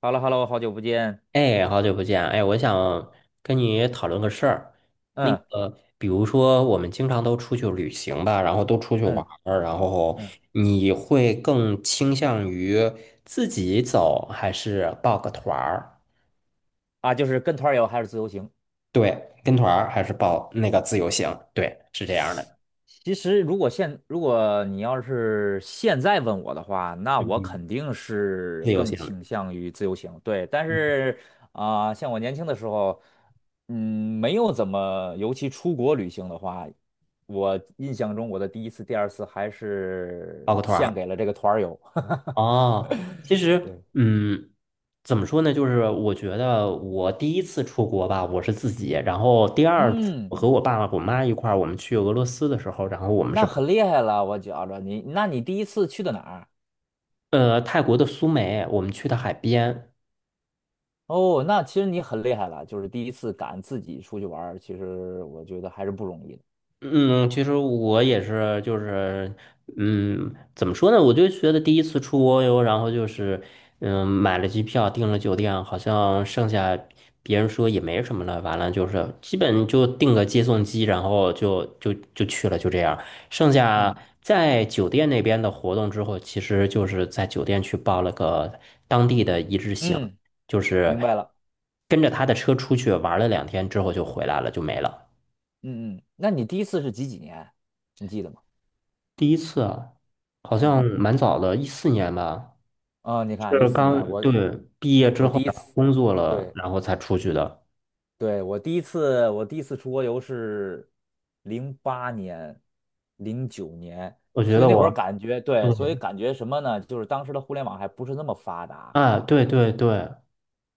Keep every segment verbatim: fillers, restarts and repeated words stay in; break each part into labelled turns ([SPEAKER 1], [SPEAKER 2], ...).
[SPEAKER 1] 哈喽哈喽，好久不见。
[SPEAKER 2] 哎，好久不见啊！哎，我想跟你讨论个事儿。那
[SPEAKER 1] 嗯
[SPEAKER 2] 个，比如说，我们经常都出去旅行吧，然后都出去玩
[SPEAKER 1] 嗯
[SPEAKER 2] 儿，然后
[SPEAKER 1] 嗯，
[SPEAKER 2] 你会更倾向于自己走，还是报个团儿？
[SPEAKER 1] 啊，就是跟团儿游还是自由行？
[SPEAKER 2] 对，跟团儿还是报那个自由行？对，是这样的。
[SPEAKER 1] 其实如果现如果你要是现在问我的话，那我肯
[SPEAKER 2] 嗯，
[SPEAKER 1] 定是
[SPEAKER 2] 自由
[SPEAKER 1] 更
[SPEAKER 2] 行，
[SPEAKER 1] 倾向于自由行。对，但
[SPEAKER 2] 嗯
[SPEAKER 1] 是啊、像我年轻的时候，嗯，没有怎么，尤其出国旅行的话，我印象中我的第一次、第二次还是
[SPEAKER 2] 报个团
[SPEAKER 1] 献
[SPEAKER 2] 儿。
[SPEAKER 1] 给了这个团儿游。
[SPEAKER 2] 哦，其实，
[SPEAKER 1] 对，
[SPEAKER 2] 嗯，怎么说呢？就是我觉得我第一次出国吧，我是自己，然后第二次
[SPEAKER 1] 嗯，
[SPEAKER 2] 我和我爸爸、我妈一块儿，我们去俄罗斯的时候，然后我们是
[SPEAKER 1] 那
[SPEAKER 2] 跑
[SPEAKER 1] 很厉害了，我觉着你，那你第一次去的哪儿？
[SPEAKER 2] 呃，泰国的苏梅，我们去的海边。
[SPEAKER 1] 哦，那其实你很厉害了，就是第一次敢自己出去玩儿，其实我觉得还是不容易的。
[SPEAKER 2] 嗯，其实我也是，就是，嗯，怎么说呢？我就觉得第一次出国游，然后就是，嗯，买了机票，订了酒店，好像剩下别人说也没什么了，完了就是基本就订个接送机，然后就就就去了，就这样。剩下
[SPEAKER 1] 嗯
[SPEAKER 2] 在酒店那边的活动之后，其实就是在酒店去报了个当地的一日行，
[SPEAKER 1] 嗯，
[SPEAKER 2] 就是
[SPEAKER 1] 明白了。
[SPEAKER 2] 跟着他的车出去玩了两天之后就回来了，就没了。
[SPEAKER 1] 嗯嗯，那你第一次是几几年？你记得吗？
[SPEAKER 2] 第一次啊，好
[SPEAKER 1] 嗯
[SPEAKER 2] 像蛮早的，一四年吧，
[SPEAKER 1] 嗯，你看一
[SPEAKER 2] 是
[SPEAKER 1] 四
[SPEAKER 2] 刚
[SPEAKER 1] 年，我
[SPEAKER 2] 对毕业之
[SPEAKER 1] 我
[SPEAKER 2] 后，
[SPEAKER 1] 第一
[SPEAKER 2] 然后
[SPEAKER 1] 次，
[SPEAKER 2] 工作了，
[SPEAKER 1] 对
[SPEAKER 2] 然后才出去的。
[SPEAKER 1] 对，我第一次我第一次出国游是零八年、零九年，
[SPEAKER 2] 我觉
[SPEAKER 1] 所以
[SPEAKER 2] 得
[SPEAKER 1] 那会儿
[SPEAKER 2] 我
[SPEAKER 1] 感觉
[SPEAKER 2] 对
[SPEAKER 1] 对，所以感觉什么呢？就是当时的互联网还不是那么发达。
[SPEAKER 2] 啊，对对对，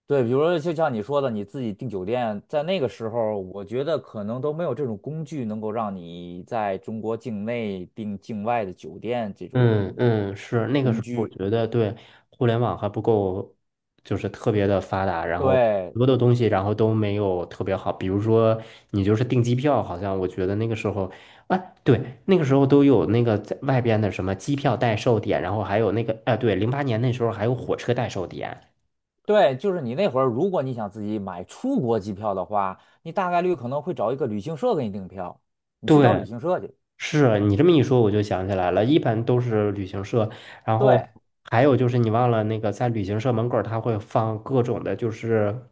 [SPEAKER 1] 对，比如说就像你说的，你自己订酒店，在那个时候，我觉得可能都没有这种工具能够让你在中国境内订境外的酒店这种
[SPEAKER 2] 嗯嗯，是那个
[SPEAKER 1] 工
[SPEAKER 2] 时候，我
[SPEAKER 1] 具。
[SPEAKER 2] 觉得对互联网还不够，就是特别的发达，然后
[SPEAKER 1] 对
[SPEAKER 2] 很多的东西，然后都没有特别好。比如说，你就是订机票，好像我觉得那个时候，哎，对，那个时候都有那个在外边的什么机票代售点，然后还有那个，哎，对，零八年那时候还有火车代售点。
[SPEAKER 1] 对，就是你那会儿，如果你想自己买出国机票的话，你大概率可能会找一个旅行社给你订票，你去找旅
[SPEAKER 2] 对
[SPEAKER 1] 行社去。
[SPEAKER 2] 是你这么一说，我就想起来了，一般都是旅行社，然后
[SPEAKER 1] 对
[SPEAKER 2] 还有就是你忘了那个在旅行社门口儿，他会放各种的，就是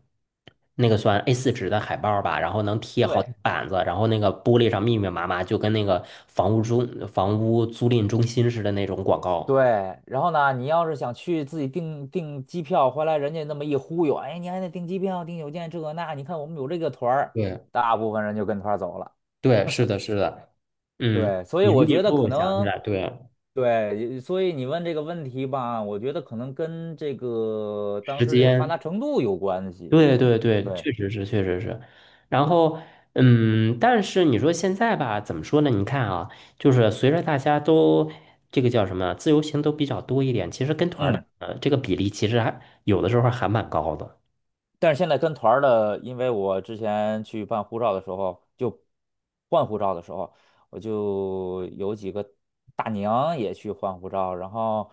[SPEAKER 2] 那个算 A 四 纸的海报儿吧，然后能贴好几
[SPEAKER 1] 对，
[SPEAKER 2] 板子，然后那个玻璃上密密麻麻，就跟那个房屋中房屋租赁中心似的那种广
[SPEAKER 1] 对，
[SPEAKER 2] 告。
[SPEAKER 1] 然后呢，你要是想去自己订订机票，回来人家那么一忽悠，哎，你还得订机票、订酒店这个那，你看我们有这个团儿，
[SPEAKER 2] 对
[SPEAKER 1] 大部分人就跟团儿走了。
[SPEAKER 2] 对，是的，是的，嗯，
[SPEAKER 1] 对，所以
[SPEAKER 2] 你这么
[SPEAKER 1] 我
[SPEAKER 2] 一
[SPEAKER 1] 觉得
[SPEAKER 2] 说，
[SPEAKER 1] 可
[SPEAKER 2] 我想起
[SPEAKER 1] 能，
[SPEAKER 2] 来，对，
[SPEAKER 1] 对，所以你问这个问题吧，我觉得可能跟这个当
[SPEAKER 2] 时
[SPEAKER 1] 时这个发达
[SPEAKER 2] 间。
[SPEAKER 1] 程度有关系。
[SPEAKER 2] 对对对，
[SPEAKER 1] 对，
[SPEAKER 2] 确实是，确实是。然后，嗯，但是你说现在吧，怎么说呢？你看啊，就是随着大家都这个叫什么，自由行都比较多一点，其实跟团儿的
[SPEAKER 1] 嗯。
[SPEAKER 2] 呃这个比例其实还有的时候还蛮高的。
[SPEAKER 1] 但是现在跟团儿的，因为我之前去办护照的时候，就换护照的时候，我就有几个大娘也去换护照，然后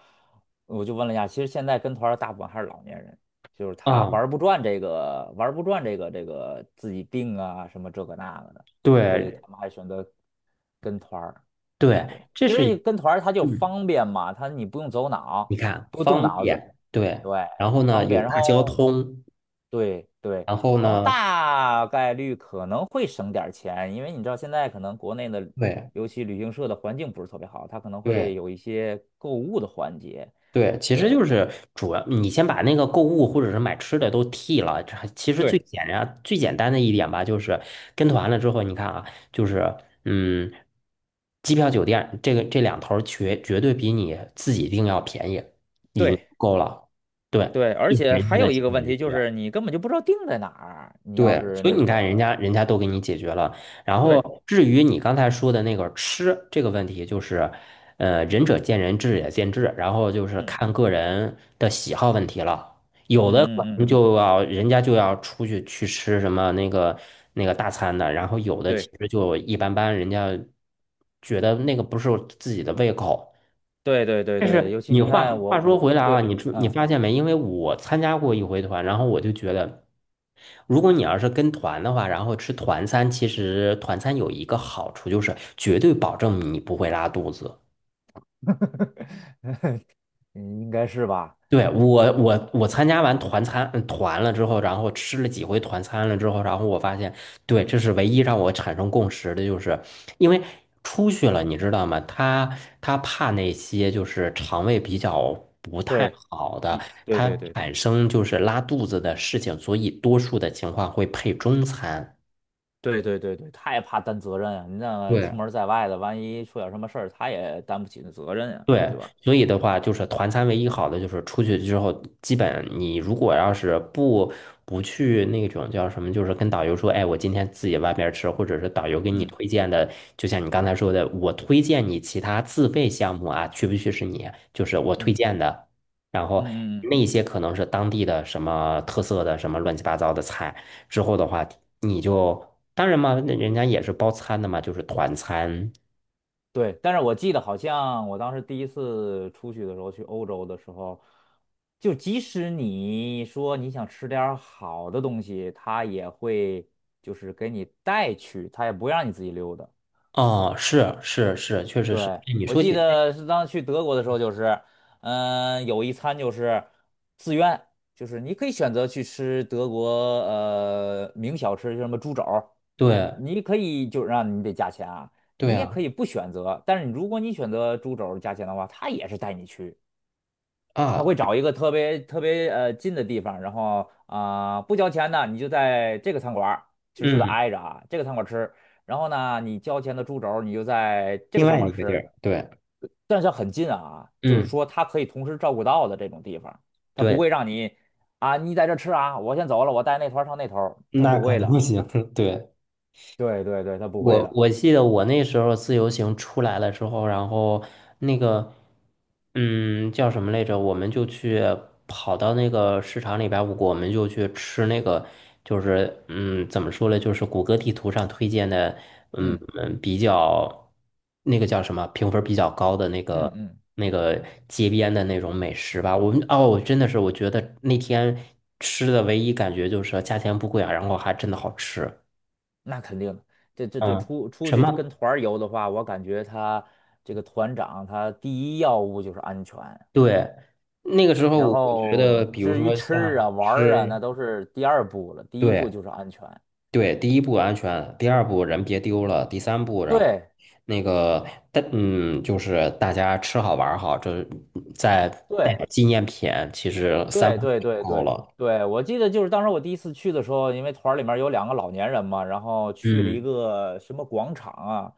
[SPEAKER 1] 我就问了一下，其实现在跟团儿的大部分还是老年人，就是他
[SPEAKER 2] 啊，
[SPEAKER 1] 玩儿不转这个，玩儿不转这个这个自己定啊什么这个那个的，所以
[SPEAKER 2] 对
[SPEAKER 1] 他们还选择跟团儿。
[SPEAKER 2] 对，
[SPEAKER 1] 对，
[SPEAKER 2] 这
[SPEAKER 1] 其
[SPEAKER 2] 是一
[SPEAKER 1] 实跟团儿它就
[SPEAKER 2] 嗯，
[SPEAKER 1] 方便嘛，他你不用走
[SPEAKER 2] 你
[SPEAKER 1] 脑，
[SPEAKER 2] 看
[SPEAKER 1] 不动
[SPEAKER 2] 方
[SPEAKER 1] 脑子，
[SPEAKER 2] 便，对，
[SPEAKER 1] 对，
[SPEAKER 2] 然后呢
[SPEAKER 1] 方便。
[SPEAKER 2] 有
[SPEAKER 1] 然
[SPEAKER 2] 大交
[SPEAKER 1] 后
[SPEAKER 2] 通，
[SPEAKER 1] 对对，
[SPEAKER 2] 然后
[SPEAKER 1] 然后
[SPEAKER 2] 呢，
[SPEAKER 1] 大概率可能会省点儿钱，因为你知道现在可能国内的，
[SPEAKER 2] 对
[SPEAKER 1] 尤其旅行社的环境不是特别好，它可能会
[SPEAKER 2] 对，
[SPEAKER 1] 有一些购物的环节。
[SPEAKER 2] 对，其实
[SPEAKER 1] 对
[SPEAKER 2] 就是主要你先把那个购物或者是买吃的都替了。这还其实最
[SPEAKER 1] 对
[SPEAKER 2] 简单、最简单的一点吧，就是跟团了之后，你看啊，就是嗯，机票、酒店这个这两头儿绝绝对比你自己订要便宜，已经
[SPEAKER 1] 对，
[SPEAKER 2] 够了。对，
[SPEAKER 1] 对，而
[SPEAKER 2] 就是
[SPEAKER 1] 且
[SPEAKER 2] 人家
[SPEAKER 1] 还
[SPEAKER 2] 的
[SPEAKER 1] 有一
[SPEAKER 2] 心
[SPEAKER 1] 个问
[SPEAKER 2] 理
[SPEAKER 1] 题就
[SPEAKER 2] 学
[SPEAKER 1] 是你根本就不知道定在哪儿，你要
[SPEAKER 2] 对，
[SPEAKER 1] 是
[SPEAKER 2] 所以
[SPEAKER 1] 那
[SPEAKER 2] 你看，人家
[SPEAKER 1] 个，
[SPEAKER 2] 人家都给你解决了。然
[SPEAKER 1] 对
[SPEAKER 2] 后，至于你刚才说的那个吃这个问题，就是，呃，仁者见仁，智者见智，然后就是
[SPEAKER 1] 嗯
[SPEAKER 2] 看个人的喜好问题了。有的
[SPEAKER 1] 嗯
[SPEAKER 2] 可
[SPEAKER 1] 嗯
[SPEAKER 2] 能
[SPEAKER 1] 嗯，
[SPEAKER 2] 就要人家就要出去去吃什么那个那个大餐的，然后有的其
[SPEAKER 1] 对，
[SPEAKER 2] 实就一般般，人家觉得那个不是自己的胃口。
[SPEAKER 1] 对对对对，尤
[SPEAKER 2] 是
[SPEAKER 1] 其
[SPEAKER 2] 你
[SPEAKER 1] 你
[SPEAKER 2] 话
[SPEAKER 1] 看
[SPEAKER 2] 话
[SPEAKER 1] 我
[SPEAKER 2] 说
[SPEAKER 1] 我
[SPEAKER 2] 回来啊，
[SPEAKER 1] 对，
[SPEAKER 2] 你知你
[SPEAKER 1] 嗯，
[SPEAKER 2] 发现没？因为我参加过一回团，然后我就觉得，如果你要是跟团的话，然后吃团餐，其实团餐有一个好处就是绝对保证你不会拉肚子。
[SPEAKER 1] 应该是吧？
[SPEAKER 2] 对，我我我参加完团餐嗯团了之后，然后吃了几回团餐了之后，然后我发现，对，这是唯一让我产生共识的，就是因为出去了，你知道吗？他他怕那些就是肠胃比较不太
[SPEAKER 1] 对。
[SPEAKER 2] 好的，
[SPEAKER 1] 一对
[SPEAKER 2] 他
[SPEAKER 1] 对对对。
[SPEAKER 2] 产生就是拉肚子的事情，所以多数的情况会配中餐。
[SPEAKER 1] 对对对对，他也怕担责任啊！你那
[SPEAKER 2] 对，
[SPEAKER 1] 出门在外的，万一出点什么事儿，他也担不起那责任呀、对
[SPEAKER 2] 对，
[SPEAKER 1] 吧？
[SPEAKER 2] 所以的话，就是团餐唯一好的就是出去之后，基本你如果要是不不去那种叫什么，就是跟导游说，哎，我今天自己外边吃，或者是导游给你
[SPEAKER 1] 嗯
[SPEAKER 2] 推荐的，就像你刚才说的，我推荐你其他自费项目啊，去不去是你，就是我推
[SPEAKER 1] 嗯
[SPEAKER 2] 荐的，然
[SPEAKER 1] 嗯
[SPEAKER 2] 后
[SPEAKER 1] 嗯嗯，
[SPEAKER 2] 那些可能是当地的什么特色的什么乱七八糟的菜，之后的话，你就当然嘛，那人家也是包餐的嘛，就是团餐。
[SPEAKER 1] 对。但是我记得好像我当时第一次出去的时候，去欧洲的时候，就即使你说你想吃点儿好的东西，他也会就是给你带去，他也不让你自己溜达。
[SPEAKER 2] 啊，是是是，确实是。
[SPEAKER 1] 对，
[SPEAKER 2] 哎你
[SPEAKER 1] 我
[SPEAKER 2] 说
[SPEAKER 1] 记
[SPEAKER 2] 起这，
[SPEAKER 1] 得是当时去德国的时候，就是，嗯、有一餐就是自愿，就是你可以选择去吃德国呃名小吃，就什么猪肘儿，
[SPEAKER 2] 对
[SPEAKER 1] 你可以就让你得加钱啊，
[SPEAKER 2] 对
[SPEAKER 1] 你也
[SPEAKER 2] 啊
[SPEAKER 1] 可以不选择，但是如果你选择猪肘儿加钱的话，他也是带你去，他
[SPEAKER 2] 啊，
[SPEAKER 1] 会找一个特别特别呃近的地方，然后啊、不交钱呢，你就在这个餐馆儿，其实就得
[SPEAKER 2] 嗯，
[SPEAKER 1] 挨着啊，这个餐馆儿吃。然后呢，你交钱的猪肘儿，你就在这
[SPEAKER 2] 另
[SPEAKER 1] 个餐
[SPEAKER 2] 外
[SPEAKER 1] 馆
[SPEAKER 2] 一个地
[SPEAKER 1] 吃；
[SPEAKER 2] 儿，对，
[SPEAKER 1] 但是很近啊，就是
[SPEAKER 2] 嗯
[SPEAKER 1] 说他可以同时照顾到的这种地方，他不
[SPEAKER 2] 对，
[SPEAKER 1] 会让你啊，你在这吃啊，我先走了，我带那团儿上那头他
[SPEAKER 2] 那
[SPEAKER 1] 不
[SPEAKER 2] 肯
[SPEAKER 1] 会
[SPEAKER 2] 定不
[SPEAKER 1] 的。
[SPEAKER 2] 行，对，
[SPEAKER 1] 对对对，他不会
[SPEAKER 2] 我
[SPEAKER 1] 的。
[SPEAKER 2] 我记得我那时候自由行出来了之后，然后那个，嗯，叫什么来着？我们就去跑到那个市场里边儿我们就去吃那个，就是嗯，怎么说呢？就是谷歌地图上推荐的，嗯
[SPEAKER 1] 嗯
[SPEAKER 2] 嗯，比较那个叫什么评分比较高的那
[SPEAKER 1] 嗯
[SPEAKER 2] 个
[SPEAKER 1] 嗯，
[SPEAKER 2] 那个街边的那种美食吧。我们哦，真的是我觉得那天吃的唯一感觉就是价钱不贵啊，然后还真的好吃。
[SPEAKER 1] 那肯定的。这这这
[SPEAKER 2] 嗯。
[SPEAKER 1] 出出
[SPEAKER 2] 什
[SPEAKER 1] 去跟
[SPEAKER 2] 么？
[SPEAKER 1] 团儿游的话，我感觉他这个团长他第一要务就是安全，
[SPEAKER 2] 对，那个时候
[SPEAKER 1] 然
[SPEAKER 2] 我觉得，
[SPEAKER 1] 后
[SPEAKER 2] 比如
[SPEAKER 1] 至于
[SPEAKER 2] 说
[SPEAKER 1] 吃啊
[SPEAKER 2] 像
[SPEAKER 1] 玩儿啊，
[SPEAKER 2] 吃，
[SPEAKER 1] 那都是第二步了，第一步
[SPEAKER 2] 对
[SPEAKER 1] 就是安全。
[SPEAKER 2] 对，第一步安全，第二步人别丢了，第三步，然后
[SPEAKER 1] 对
[SPEAKER 2] 那个，但嗯，就是大家吃好玩儿好，这再带
[SPEAKER 1] 对，
[SPEAKER 2] 点纪念品，其实三
[SPEAKER 1] 对
[SPEAKER 2] 步
[SPEAKER 1] 对
[SPEAKER 2] 就
[SPEAKER 1] 对
[SPEAKER 2] 够
[SPEAKER 1] 对
[SPEAKER 2] 了。
[SPEAKER 1] 对，我记得就是当时我第一次去的时候，因为团儿里面有两个老年人嘛，然后去了一
[SPEAKER 2] 嗯
[SPEAKER 1] 个什么广场啊，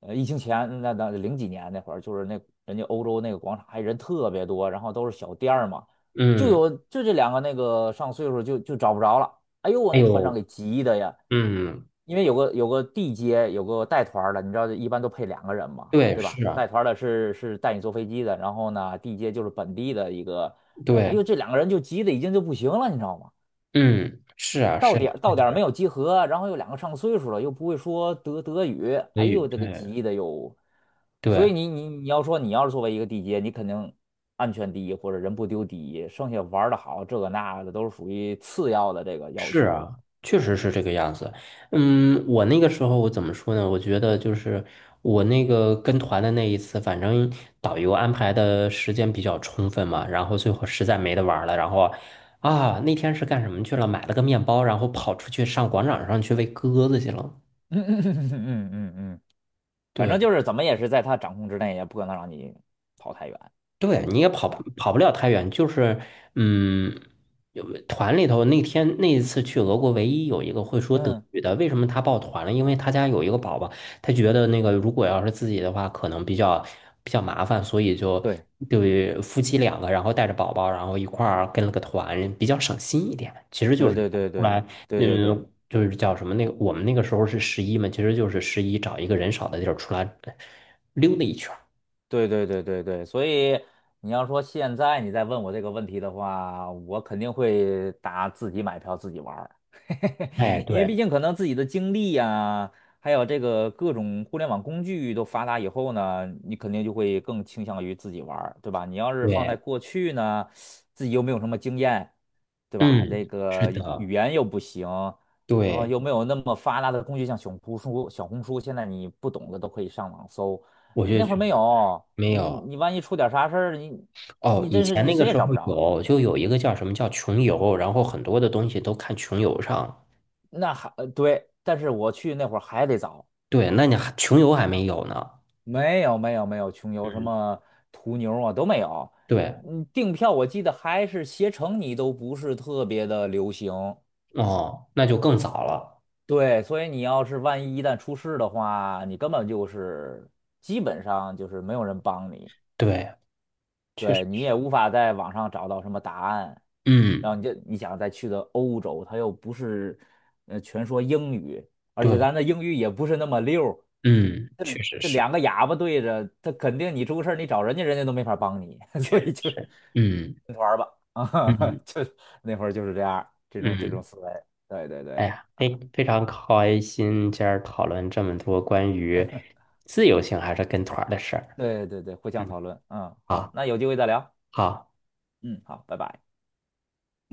[SPEAKER 1] 呃，疫情前那那零几年那会儿，就是那人家欧洲那个广场还人特别多，然后都是小店儿嘛，就
[SPEAKER 2] 嗯，
[SPEAKER 1] 有就这两个那个上岁数就就找不着了，哎呦我
[SPEAKER 2] 还
[SPEAKER 1] 那团长
[SPEAKER 2] 有
[SPEAKER 1] 给急的呀，
[SPEAKER 2] 嗯，
[SPEAKER 1] 因为有个有个地接有个带团儿的，你知道一般都配两个人嘛，
[SPEAKER 2] 对，
[SPEAKER 1] 对吧？
[SPEAKER 2] 是啊，
[SPEAKER 1] 带团儿的是是带你坐飞机的，然后呢地接就是本地的一个。人，哎
[SPEAKER 2] 对，
[SPEAKER 1] 呦，这两个人就急的已经就不行了，你知道吗？
[SPEAKER 2] 嗯，是啊，是
[SPEAKER 1] 到
[SPEAKER 2] 啊，
[SPEAKER 1] 点儿到点
[SPEAKER 2] 是
[SPEAKER 1] 儿
[SPEAKER 2] 啊，
[SPEAKER 1] 没有集合，然后又两个上岁数了，又不会说德德语，
[SPEAKER 2] 所
[SPEAKER 1] 哎
[SPEAKER 2] 以
[SPEAKER 1] 呦，这个
[SPEAKER 2] 对
[SPEAKER 1] 急的哟。所以
[SPEAKER 2] 对。
[SPEAKER 1] 你你你要说你要是作为一个地接，你肯定安全第一或者人不丢第一，剩下玩的好这个那个的都是属于次要的这个要
[SPEAKER 2] 是
[SPEAKER 1] 求了。
[SPEAKER 2] 啊，确实是这个样子。嗯，我那个时候我怎么说呢？我觉得就是我那个跟团的那一次，反正导游安排的时间比较充分嘛，然后最后实在没得玩儿了，然后啊，那天是干什么去了？买了个面包，然后跑出去上广场上去喂鸽子去了。
[SPEAKER 1] 嗯嗯嗯嗯嗯嗯嗯，反正就
[SPEAKER 2] 对。
[SPEAKER 1] 是怎么也是在他掌控之内，也不可能让你跑太远，
[SPEAKER 2] 对，你也跑
[SPEAKER 1] 对
[SPEAKER 2] 不
[SPEAKER 1] 吧？
[SPEAKER 2] 跑不了太远，就是嗯，有团里头那天那一次去俄国，唯一有一个会说德
[SPEAKER 1] 嗯，
[SPEAKER 2] 语的，为什么他报团了？因为他家有一个宝宝，他觉得那个如果要是自己的话，可能比较比较麻烦，所以就
[SPEAKER 1] 对
[SPEAKER 2] 对夫妻两个，然后带着宝宝，然后一块儿跟了个团，比较省心一点。其实就
[SPEAKER 1] 对
[SPEAKER 2] 是
[SPEAKER 1] 对对
[SPEAKER 2] 出
[SPEAKER 1] 对
[SPEAKER 2] 来，
[SPEAKER 1] 对对对。
[SPEAKER 2] 嗯，就是叫什么那个，我们那个时候是十一嘛，其实就是十一找一个人少的地儿出来溜达一圈儿。
[SPEAKER 1] 对对对对对，所以你要说现在你再问我这个问题的话，我肯定会答自己买票自己玩儿，
[SPEAKER 2] 哎，
[SPEAKER 1] 因为
[SPEAKER 2] 对。
[SPEAKER 1] 毕竟可能自己的经历呀，还有这个各种互联网工具都发达以后呢，你肯定就会更倾向于自己玩儿，对吧？你要是放在
[SPEAKER 2] 对，
[SPEAKER 1] 过去呢，自己又没有什么经验，对吧？
[SPEAKER 2] 嗯，
[SPEAKER 1] 那
[SPEAKER 2] 是
[SPEAKER 1] 个语语
[SPEAKER 2] 的，
[SPEAKER 1] 言又不行，然后
[SPEAKER 2] 对，
[SPEAKER 1] 又没有那么发达的工具，像小红书、小红书，现在你不懂的都可以上网搜。
[SPEAKER 2] 我就
[SPEAKER 1] 那会儿
[SPEAKER 2] 觉
[SPEAKER 1] 没
[SPEAKER 2] 得
[SPEAKER 1] 有
[SPEAKER 2] 没
[SPEAKER 1] 你，
[SPEAKER 2] 有
[SPEAKER 1] 你万一出点啥事儿，你
[SPEAKER 2] 哦。
[SPEAKER 1] 你
[SPEAKER 2] 以
[SPEAKER 1] 真是
[SPEAKER 2] 前
[SPEAKER 1] 你
[SPEAKER 2] 那个
[SPEAKER 1] 谁也
[SPEAKER 2] 时候
[SPEAKER 1] 找不着。
[SPEAKER 2] 有，就有一个叫什么叫穷游，然后很多的东西都看穷游上。
[SPEAKER 1] 那还呃对，但是我去那会儿还得找，
[SPEAKER 2] 对，那你还穷游还没有呢。
[SPEAKER 1] 没有没有没有穷游什
[SPEAKER 2] 嗯，
[SPEAKER 1] 么途牛啊都没有。
[SPEAKER 2] 对，
[SPEAKER 1] 嗯，订票我记得还是携程，你都不是特别的流行。
[SPEAKER 2] 哦，那就更早了。
[SPEAKER 1] 对，所以你要是万一一旦出事的话，你根本就是基本上就是没有人帮你。
[SPEAKER 2] 对，确实
[SPEAKER 1] 对，你也
[SPEAKER 2] 是。
[SPEAKER 1] 无法在网上找到什么答案，然后
[SPEAKER 2] 嗯，
[SPEAKER 1] 你就你想再去的欧洲，它又不是，呃，全说英语，而且
[SPEAKER 2] 对，
[SPEAKER 1] 咱的英语也不是那么溜儿，
[SPEAKER 2] 嗯，
[SPEAKER 1] 这
[SPEAKER 2] 确实
[SPEAKER 1] 这
[SPEAKER 2] 是，
[SPEAKER 1] 两个哑巴对着，他肯定你出个事儿，你找人家人家都没法帮你，所
[SPEAKER 2] 确实
[SPEAKER 1] 以就
[SPEAKER 2] 是。嗯
[SPEAKER 1] 跟团儿吧，啊，
[SPEAKER 2] 嗯
[SPEAKER 1] 就那会儿就是这样儿这种这种
[SPEAKER 2] 嗯，
[SPEAKER 1] 思维，对对
[SPEAKER 2] 哎
[SPEAKER 1] 对
[SPEAKER 2] 呀，非非常开心，今儿讨论这么多关于自由行还是跟团儿的事儿。
[SPEAKER 1] 对对对，互相
[SPEAKER 2] 嗯，
[SPEAKER 1] 讨论，嗯，好，
[SPEAKER 2] 好，
[SPEAKER 1] 那有机会再聊，
[SPEAKER 2] 好。
[SPEAKER 1] 嗯，好，拜拜。